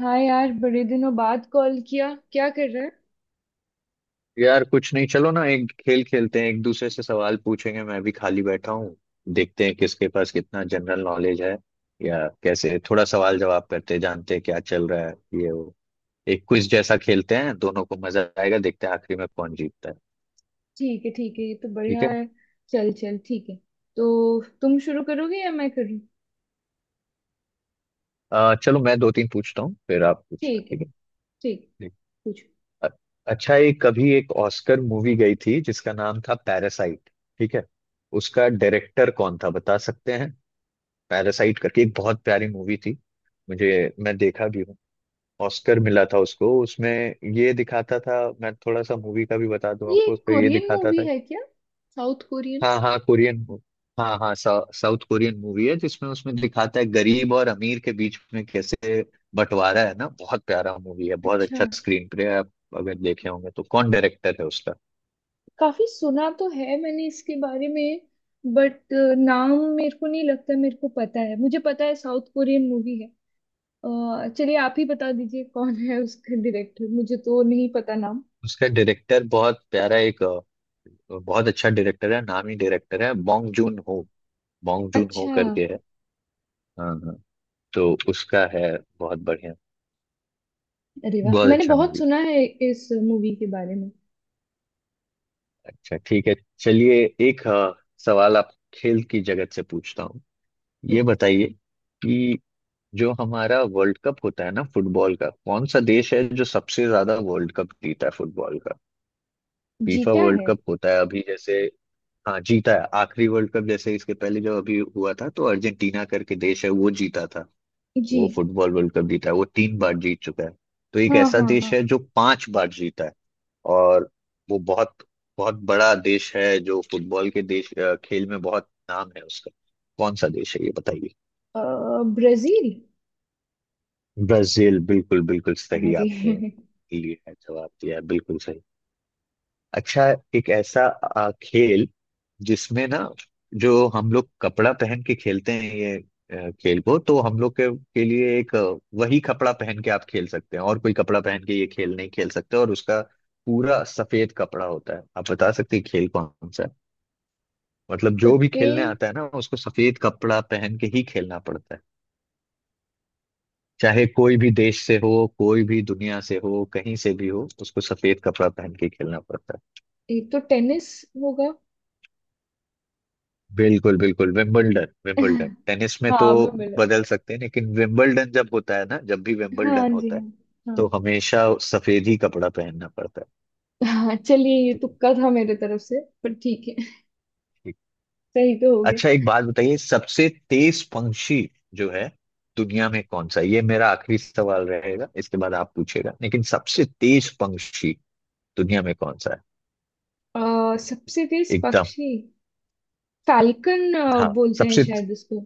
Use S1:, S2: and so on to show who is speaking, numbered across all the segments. S1: हाँ यार, बड़े दिनों बाद कॉल किया। क्या कर रहा है।
S2: यार कुछ नहीं, चलो ना एक खेल खेलते हैं। एक दूसरे से सवाल पूछेंगे, मैं भी खाली बैठा हूँ। देखते हैं किसके पास कितना जनरल नॉलेज है, या कैसे थोड़ा सवाल जवाब करते हैं, जानते हैं क्या चल रहा है, ये वो। एक क्विज जैसा खेलते हैं, दोनों को मजा आएगा, देखते हैं आखिरी में कौन जीतता है।
S1: ठीक है। ठीक है। ये तो
S2: ठीक
S1: बढ़िया
S2: है।
S1: है। चल चल, ठीक है। तो तुम शुरू करोगे या मैं करूँ।
S2: चलो मैं दो तीन पूछता हूँ फिर आप पूछना।
S1: ठीक है।
S2: ठीक है।
S1: ठीक है।
S2: ठीक।
S1: पूछो।
S2: अ- अच्छा, ये कभी एक ऑस्कर मूवी गई थी जिसका नाम था पैरासाइट। ठीक है। उसका डायरेक्टर कौन था बता सकते हैं? पैरासाइट करके एक बहुत प्यारी मूवी थी मुझे, मैं देखा भी हूँ। ऑस्कर मिला था उसको, उसमें ये दिखाता था। मैं थोड़ा सा मूवी का भी बता दूं
S1: ये
S2: आपको, उसमें ये
S1: कोरियन
S2: दिखाता
S1: मूवी
S2: था।
S1: है क्या? South Korean?
S2: हाँ हाँ, कोरियन। हाँ हाँ, साउथ कोरियन मूवी है जिसमें, उसमें दिखाता है गरीब और अमीर के बीच में कैसे बंटवारा है ना। बहुत प्यारा मूवी है, बहुत
S1: अच्छा।
S2: अच्छा स्क्रीन प्ले है। आप अगर देखे होंगे तो कौन डायरेक्टर है उसका?
S1: काफी सुना तो है मैंने इसके बारे में, बट नाम मेरे को नहीं लगता। मेरे को पता है, मुझे पता है साउथ कोरियन मूवी है। चलिए आप ही बता दीजिए कौन है उसका डायरेक्टर, मुझे तो नहीं पता नाम।
S2: उसका डायरेक्टर बहुत प्यारा एक बहुत अच्छा डायरेक्टर है, नामी डायरेक्टर है। Bong Joon Ho, Bong Joon Ho
S1: अच्छा।
S2: करके है। हाँ हाँ। तो उसका है। बहुत बढ़िया,
S1: अरे वाह,
S2: बहुत
S1: मैंने
S2: अच्छा
S1: बहुत
S2: मूवी।
S1: सुना है इस मूवी के बारे में।
S2: अच्छा ठीक है। चलिए। एक सवाल आप खेल की जगत से पूछता हूँ। ये
S1: ठीक है।
S2: बताइए कि जो हमारा वर्ल्ड कप होता है ना फुटबॉल का, कौन सा देश है जो सबसे ज्यादा वर्ल्ड कप जीता है फुटबॉल का? फीफा
S1: जीता
S2: वर्ल्ड
S1: है?
S2: कप होता है अभी जैसे। हाँ जीता है। आखिरी वर्ल्ड कप जैसे इसके पहले जब अभी हुआ था तो अर्जेंटीना करके देश है, वो जीता था।
S1: जी।
S2: वो फुटबॉल वर्ल्ड कप जीता है, वो तीन बार जीत चुका है। तो एक
S1: हाँ
S2: ऐसा
S1: हाँ हाँ।
S2: देश है जो पांच बार जीता है, और वो बहुत, बहुत बड़ा देश है जो फुटबॉल के देश खेल में बहुत नाम है उसका। कौन सा देश है ये बताइए?
S1: ब्राजील।
S2: ब्राजील, बिल्कुल बिल्कुल सही
S1: अरे!
S2: आपने लिए है, जवाब दिया है बिल्कुल सही। अच्छा, एक ऐसा खेल जिसमें ना, जो हम लोग कपड़ा पहन के खेलते हैं ये खेल को, तो हम लोग के लिए एक वही कपड़ा पहन के आप खेल सकते हैं, और कोई कपड़ा पहन के ये खेल नहीं खेल सकते, और उसका पूरा सफेद कपड़ा होता है। आप बता सकते हैं खेल कौन सा है? मतलब
S1: तो
S2: जो भी खेलने
S1: फिर
S2: आता है ना, उसको सफेद कपड़ा पहन के ही खेलना पड़ता है। चाहे कोई भी देश से हो, कोई भी दुनिया से हो, कहीं से भी हो, उसको सफेद कपड़ा पहन के खेलना पड़ता है।
S1: एक तो टेनिस होगा।
S2: बिल्कुल बिल्कुल, विंबलडन, विंबलडन टेनिस में तो
S1: हाँ, विंबलडन।
S2: बदल सकते हैं, लेकिन विंबलडन जब होता है ना, जब भी विंबलडन
S1: हाँ जी।
S2: होता है
S1: हाँ
S2: तो हमेशा सफेद ही कपड़ा पहनना पड़ता है।
S1: हाँ हाँ। चलिए ये
S2: ठीक है।
S1: तुक्का था मेरे तरफ से, पर ठीक है।
S2: ठीक।
S1: सही तो हो गया।
S2: अच्छा एक बात बताइए, सबसे तेज पंक्षी जो है दुनिया में कौन सा है? ये मेरा आखिरी सवाल रहेगा, इसके बाद आप पूछेगा, लेकिन सबसे तेज पंक्षी दुनिया में कौन सा है?
S1: सबसे तेज
S2: एकदम।
S1: पक्षी, फैल्कन
S2: हाँ
S1: बोलते हैं
S2: सबसे।
S1: शायद इसको।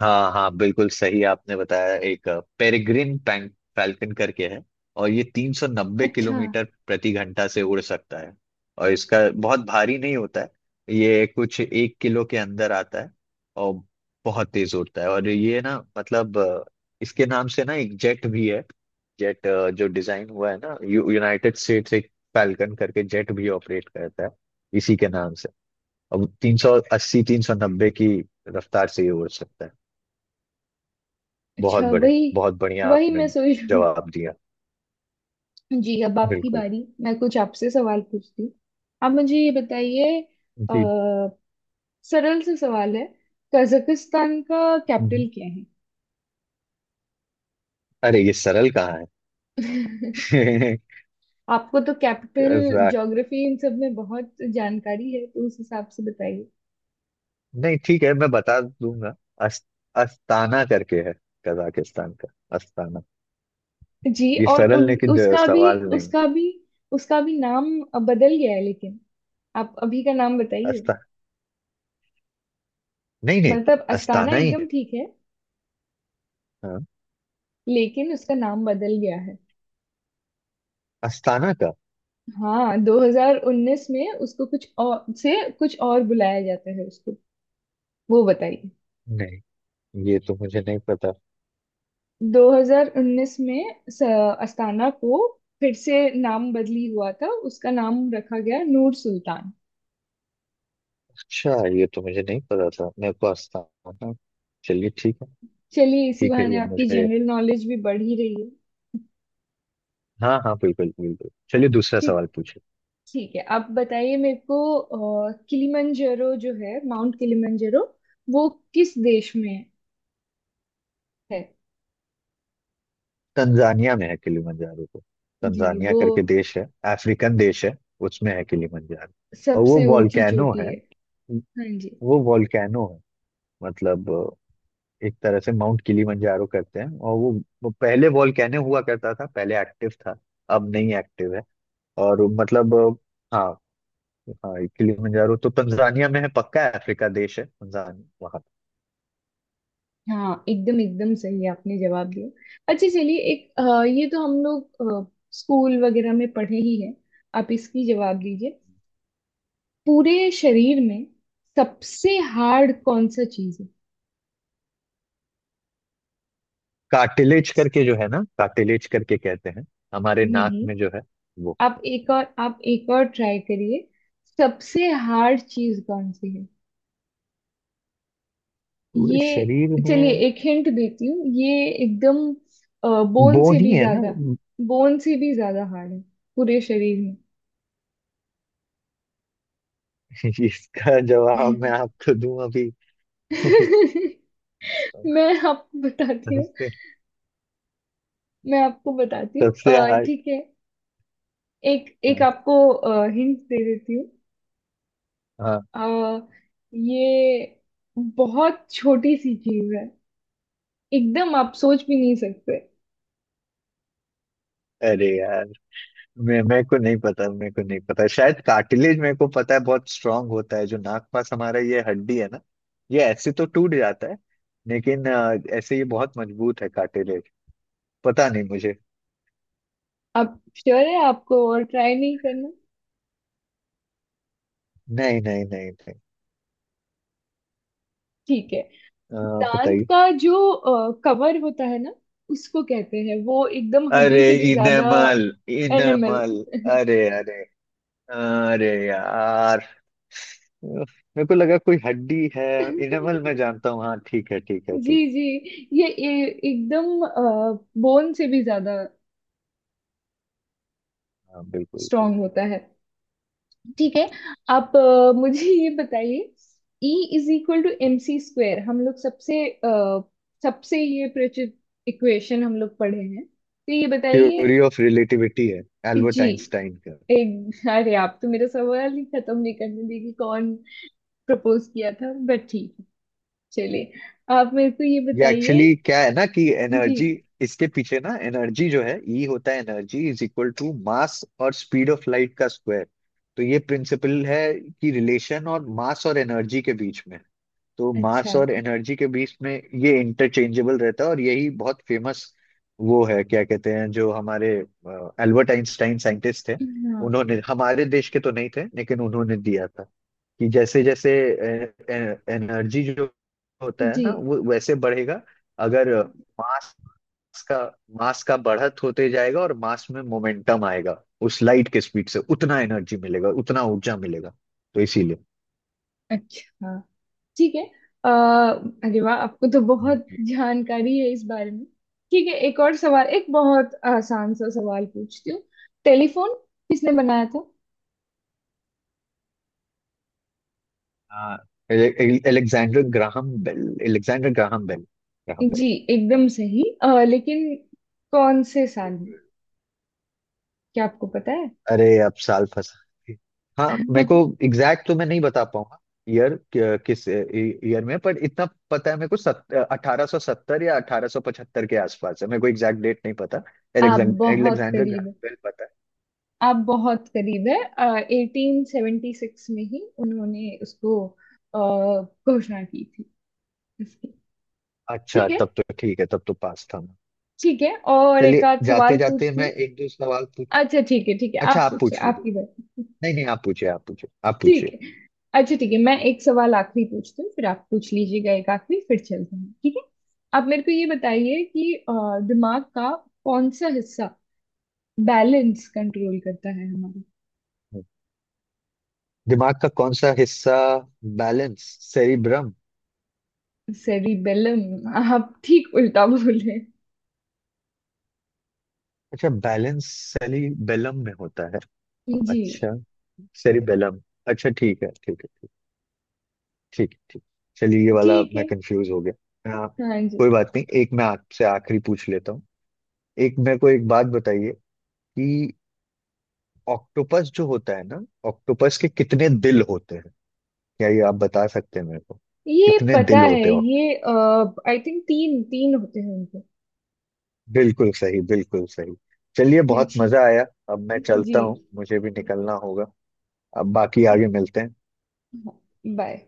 S2: हाँ हाँ, बिल्कुल सही आपने बताया। एक पेरिग्रिन पैंक फैल्कन करके है, और ये 390
S1: अच्छा।
S2: किलोमीटर प्रति घंटा से उड़ सकता है। और इसका बहुत भारी नहीं होता है, ये कुछ एक किलो के अंदर आता है। और बहुत तेज उड़ता है, और ये ना, मतलब इसके नाम से ना एक जेट भी है, जेट, जो डिजाइन हुआ है ना, यूनाइटेड स्टेट्स एक फैल्कन करके जेट भी ऑपरेट करता है इसी के नाम से। अब 380, 390 की रफ्तार से ये उड़ सकता है। बहुत
S1: अच्छा,
S2: बड़े,
S1: वही
S2: बहुत बढ़िया
S1: वही
S2: आपने
S1: मैं सोच रही हूँ।
S2: जवाब दिया।
S1: जी। अब आपकी
S2: बिल्कुल।
S1: बारी। मैं कुछ आपसे सवाल पूछती हूँ। आप मुझे ये बताइए, अ,
S2: जी।
S1: सरल से सवाल है। कजाकिस्तान का
S2: हम्म।
S1: कैपिटल क्या है।
S2: अरे ये सरल कहाँ है
S1: आपको तो कैपिटल,
S2: कजाक,
S1: ज्योग्राफी इन सब में बहुत जानकारी है, तो उस हिसाब से बताइए।
S2: नहीं ठीक है मैं बता दूंगा। अस, अस्ताना करके है कजाकिस्तान का, अस्ताना।
S1: जी।
S2: ये
S1: और
S2: सरल
S1: उन
S2: लेकिन
S1: उसका भी
S2: सवाल नहीं।
S1: उसका भी उसका भी नाम बदल गया है, लेकिन आप अभी का नाम बताइए।
S2: अस्ता, नहीं नहीं,
S1: मतलब अस्ताना
S2: अस्ताना ही
S1: एकदम
S2: है।
S1: ठीक है,
S2: हाँ।
S1: लेकिन उसका नाम बदल गया है।
S2: अस्ताना का।
S1: हाँ, 2019 में उसको कुछ और से कुछ और बुलाया जाता है उसको। वो बताइए।
S2: नहीं, ये तो मुझे नहीं पता।
S1: 2019 में अस्ताना को फिर से नाम बदली हुआ था, उसका नाम रखा गया नूर सुल्तान।
S2: अच्छा, ये तो मुझे नहीं पता था, मेरे को अस्ताना। चलिए ठीक है,
S1: चलिए, इसी
S2: ठीक है
S1: बहाने
S2: ये
S1: आपकी
S2: मुझे।
S1: जनरल नॉलेज भी बढ़ ही रही है।
S2: हाँ हाँ, बिल्कुल बिल्कुल, चलिए दूसरा
S1: ठीक।
S2: सवाल पूछिए।
S1: ठीक है। आप बताइए मेरे को, किलिमंजारो जो है, माउंट किलिमंजारो, वो किस देश में है।
S2: तंजानिया में है किलिमंजारो तो,
S1: जी,
S2: तंजानिया
S1: वो
S2: करके देश है। अफ्रीकन देश है, उसमें है किलिमंजारो। और वो
S1: सबसे ऊंची
S2: वॉल्केनो
S1: चोटी
S2: है।
S1: है। हाँ जी।
S2: वो वॉल्केनो है। मतलब एक तरह से माउंट किलिमंजारो कहते हैं, और वो पहले वॉल्केनो हुआ करता था, पहले एक्टिव था, अब नहीं एक्टिव है। और मतलब हाँ। हाँ, ये किलिमंजारो तो तंजानिया में है पक्का, अफ्रीका देश है तंजानिया वहाँ।
S1: हाँ, एकदम एकदम सही आपने जवाब दिया। अच्छा चलिए। ये तो हम लोग स्कूल वगैरह में पढ़े ही हैं। आप इसकी जवाब दीजिए। पूरे शरीर में सबसे हार्ड कौन सा चीज है।
S2: कार्टिलेज करके जो है ना, कार्टिलेज करके कहते हैं, हमारे नाक
S1: नहीं,
S2: में जो है वो।
S1: आप एक और ट्राई करिए। सबसे हार्ड चीज कौन सी है।
S2: पूरे
S1: ये,
S2: शरीर
S1: चलिए
S2: में
S1: एक हिंट देती हूँ। ये एकदम बोन
S2: वो
S1: से
S2: नहीं
S1: भी
S2: है ना।
S1: ज्यादा बोन से भी ज्यादा हार्ड है, पूरे शरीर
S2: इसका जवाब मैं
S1: में।
S2: आपको दूं अभी
S1: मैं आपको बताती हूँ
S2: सबसे,
S1: मैं आपको बताती हूँ।
S2: सबसे हार्ड।
S1: ठीक है, एक एक
S2: हाँ।
S1: आपको हिंट दे देती हूँ।
S2: हाँ,
S1: अ, ये बहुत छोटी सी चीज है, एकदम आप सोच भी नहीं सकते।
S2: अरे यार मैं मेरे को नहीं पता, मेरे को नहीं पता, शायद कार्टिलेज मेरे को पता है, बहुत स्ट्रांग होता है जो नाक पास हमारा, ये हड्डी है ना। ये ऐसे तो टूट जाता है, लेकिन ऐसे ये बहुत मजबूत है कार्टिलेज। पता नहीं मुझे।
S1: आप श्योर है? आपको और ट्राई नहीं करना?
S2: नहीं नहीं नहीं नहीं।
S1: ठीक है। दांत
S2: बताइए।
S1: का जो कवर होता है ना, उसको कहते हैं वो एकदम
S2: अरे,
S1: हड्डी से भी ज्यादा।
S2: Enamel,
S1: animal.
S2: इनेमल। अरे अरे। अरे यार, उफ, मेरे को लगा कोई हड्डी है। इनेमल मैं जानता हूँ, हाँ ठीक है ठीक है
S1: जी
S2: ठीक।
S1: जी, ये एकदम बोन से भी ज्यादा
S2: हाँ बिल्कुल।
S1: स्ट्रांग होता है। ठीक है। आप मुझे ये बताइए, E is equal to M C square, हम लोग सबसे ये परिचित इक्वेशन हम लोग पढ़े हैं, तो ये बताइए।
S2: थ्योरी ऑफ रिलेटिविटी है, एल्बर्ट
S1: जी।
S2: आइंस्टाइन का।
S1: एक अरे, आप तो मेरा सवाल ही खत्म नहीं करने देगी। कौन प्रपोज किया था? बट ठीक है, चलिए। आप मेरे को ये
S2: ये
S1: बताइए।
S2: एक्चुअली क्या है ना, कि
S1: जी।
S2: एनर्जी, इसके पीछे ना एनर्जी जो है, ई होता है energy, is equal to mass और स्पीड ऑफ लाइट का स्क्वायर। तो ये प्रिंसिपल है कि रिलेशन और मास और एनर्जी के बीच में, तो मास
S1: अच्छा।
S2: और एनर्जी के बीच में ये इंटरचेंजेबल रहता है, और यही बहुत फेमस वो है, क्या कहते हैं, जो हमारे एल्बर्ट आइंस्टाइन साइंटिस्ट थे,
S1: हाँ
S2: उन्होंने, हमारे देश के तो नहीं थे लेकिन उन्होंने दिया था, कि जैसे जैसे एनर्जी जो होता है
S1: जी।
S2: ना वो वैसे बढ़ेगा, अगर मास का, मास का बढ़त होते जाएगा और मास में मोमेंटम आएगा उस लाइट के स्पीड से, उतना एनर्जी मिलेगा, उतना ऊर्जा मिलेगा, तो इसीलिए।
S1: अच्छा, ठीक है। आ, अरे वाह, आपको तो बहुत जानकारी है इस बारे में। ठीक है, एक और सवाल। एक बहुत आसान सा सवाल पूछती हूँ। टेलीफोन किसने बनाया था?
S2: हाँ, Alexander Graham Bell, Alexander Graham Bell, Graham Bell.
S1: जी, एकदम सही। लेकिन कौन से साल में,
S2: बिल्कुल।
S1: क्या आपको पता है?
S2: अरे अब साल फंसा। हाँ, मेरे को एग्जैक्ट तो मैं नहीं बता पाऊंगा ईयर, किस ईयर में, पर इतना पता है मेरे को, 1870 या 1875 के आसपास है, मेरे को एग्जैक्ट डेट नहीं पता।
S1: आप
S2: एलेक्जेंडर,
S1: बहुत
S2: एलेक्जेंडर
S1: करीब
S2: ग्राहम
S1: है।
S2: बेल पता
S1: आप बहुत करीब है। 1876 में ही उन्होंने उसको घोषणा की थी इसकी।
S2: है। अच्छा
S1: ठीक है।
S2: तब तो ठीक है, तब तो पास था मैं।
S1: ठीक है, और एक
S2: चलिए
S1: आध
S2: जाते
S1: सवाल
S2: जाते
S1: पूछती
S2: मैं
S1: हूँ।
S2: एक दो सवाल पूछ।
S1: अच्छा ठीक है, ठीक है,
S2: अच्छा
S1: आप
S2: आप
S1: पूछिए?
S2: पूछ
S1: आपकी
S2: लीजिए।
S1: बारी?
S2: नहीं नहीं, आप पूछिए, आप पूछिए, आप
S1: ठीक
S2: पूछिए।
S1: है। अच्छा ठीक है, मैं एक सवाल आखिरी पूछती हूँ, फिर आप पूछ लीजिएगा। एक आखिरी, फिर चलते हैं, ठीक है। आप मेरे को ये बताइए कि दिमाग का कौन सा हिस्सा बैलेंस कंट्रोल करता है हमारा।
S2: दिमाग का कौन सा हिस्सा बैलेंस, सेरिब्रम।
S1: सेरिबेलम। आप ठीक उल्टा बोले।
S2: अच्छा, बैलेंस सेरिबेलम में होता है।
S1: जी।
S2: अच्छा, सेरिबेलम। अच्छा ठीक है ठीक है ठीक। ठीक है, ठीक। चलिए ये वाला
S1: ठीक
S2: मैं
S1: है।
S2: कंफ्यूज हो गया, हाँ।
S1: हाँ जी।
S2: कोई बात नहीं, एक मैं आपसे आखिरी पूछ लेता हूँ। एक मेरे को एक बात बताइए कि ऑक्टोपस जो होता है ना, ऑक्टोपस के कितने दिल होते हैं? क्या ये आप बता सकते हैं मेरे को,
S1: ये
S2: कितने
S1: पता
S2: दिल
S1: है
S2: होते हैं?
S1: ये। आई थिंक तीन तीन होते हैं उनके।
S2: बिल्कुल सही, बिल्कुल सही। चलिए बहुत
S1: जी
S2: मजा आया। अब मैं
S1: जी।
S2: चलता हूँ, मुझे भी निकलना होगा। अब बाकी
S1: ठीक।
S2: आगे मिलते हैं।
S1: बाय।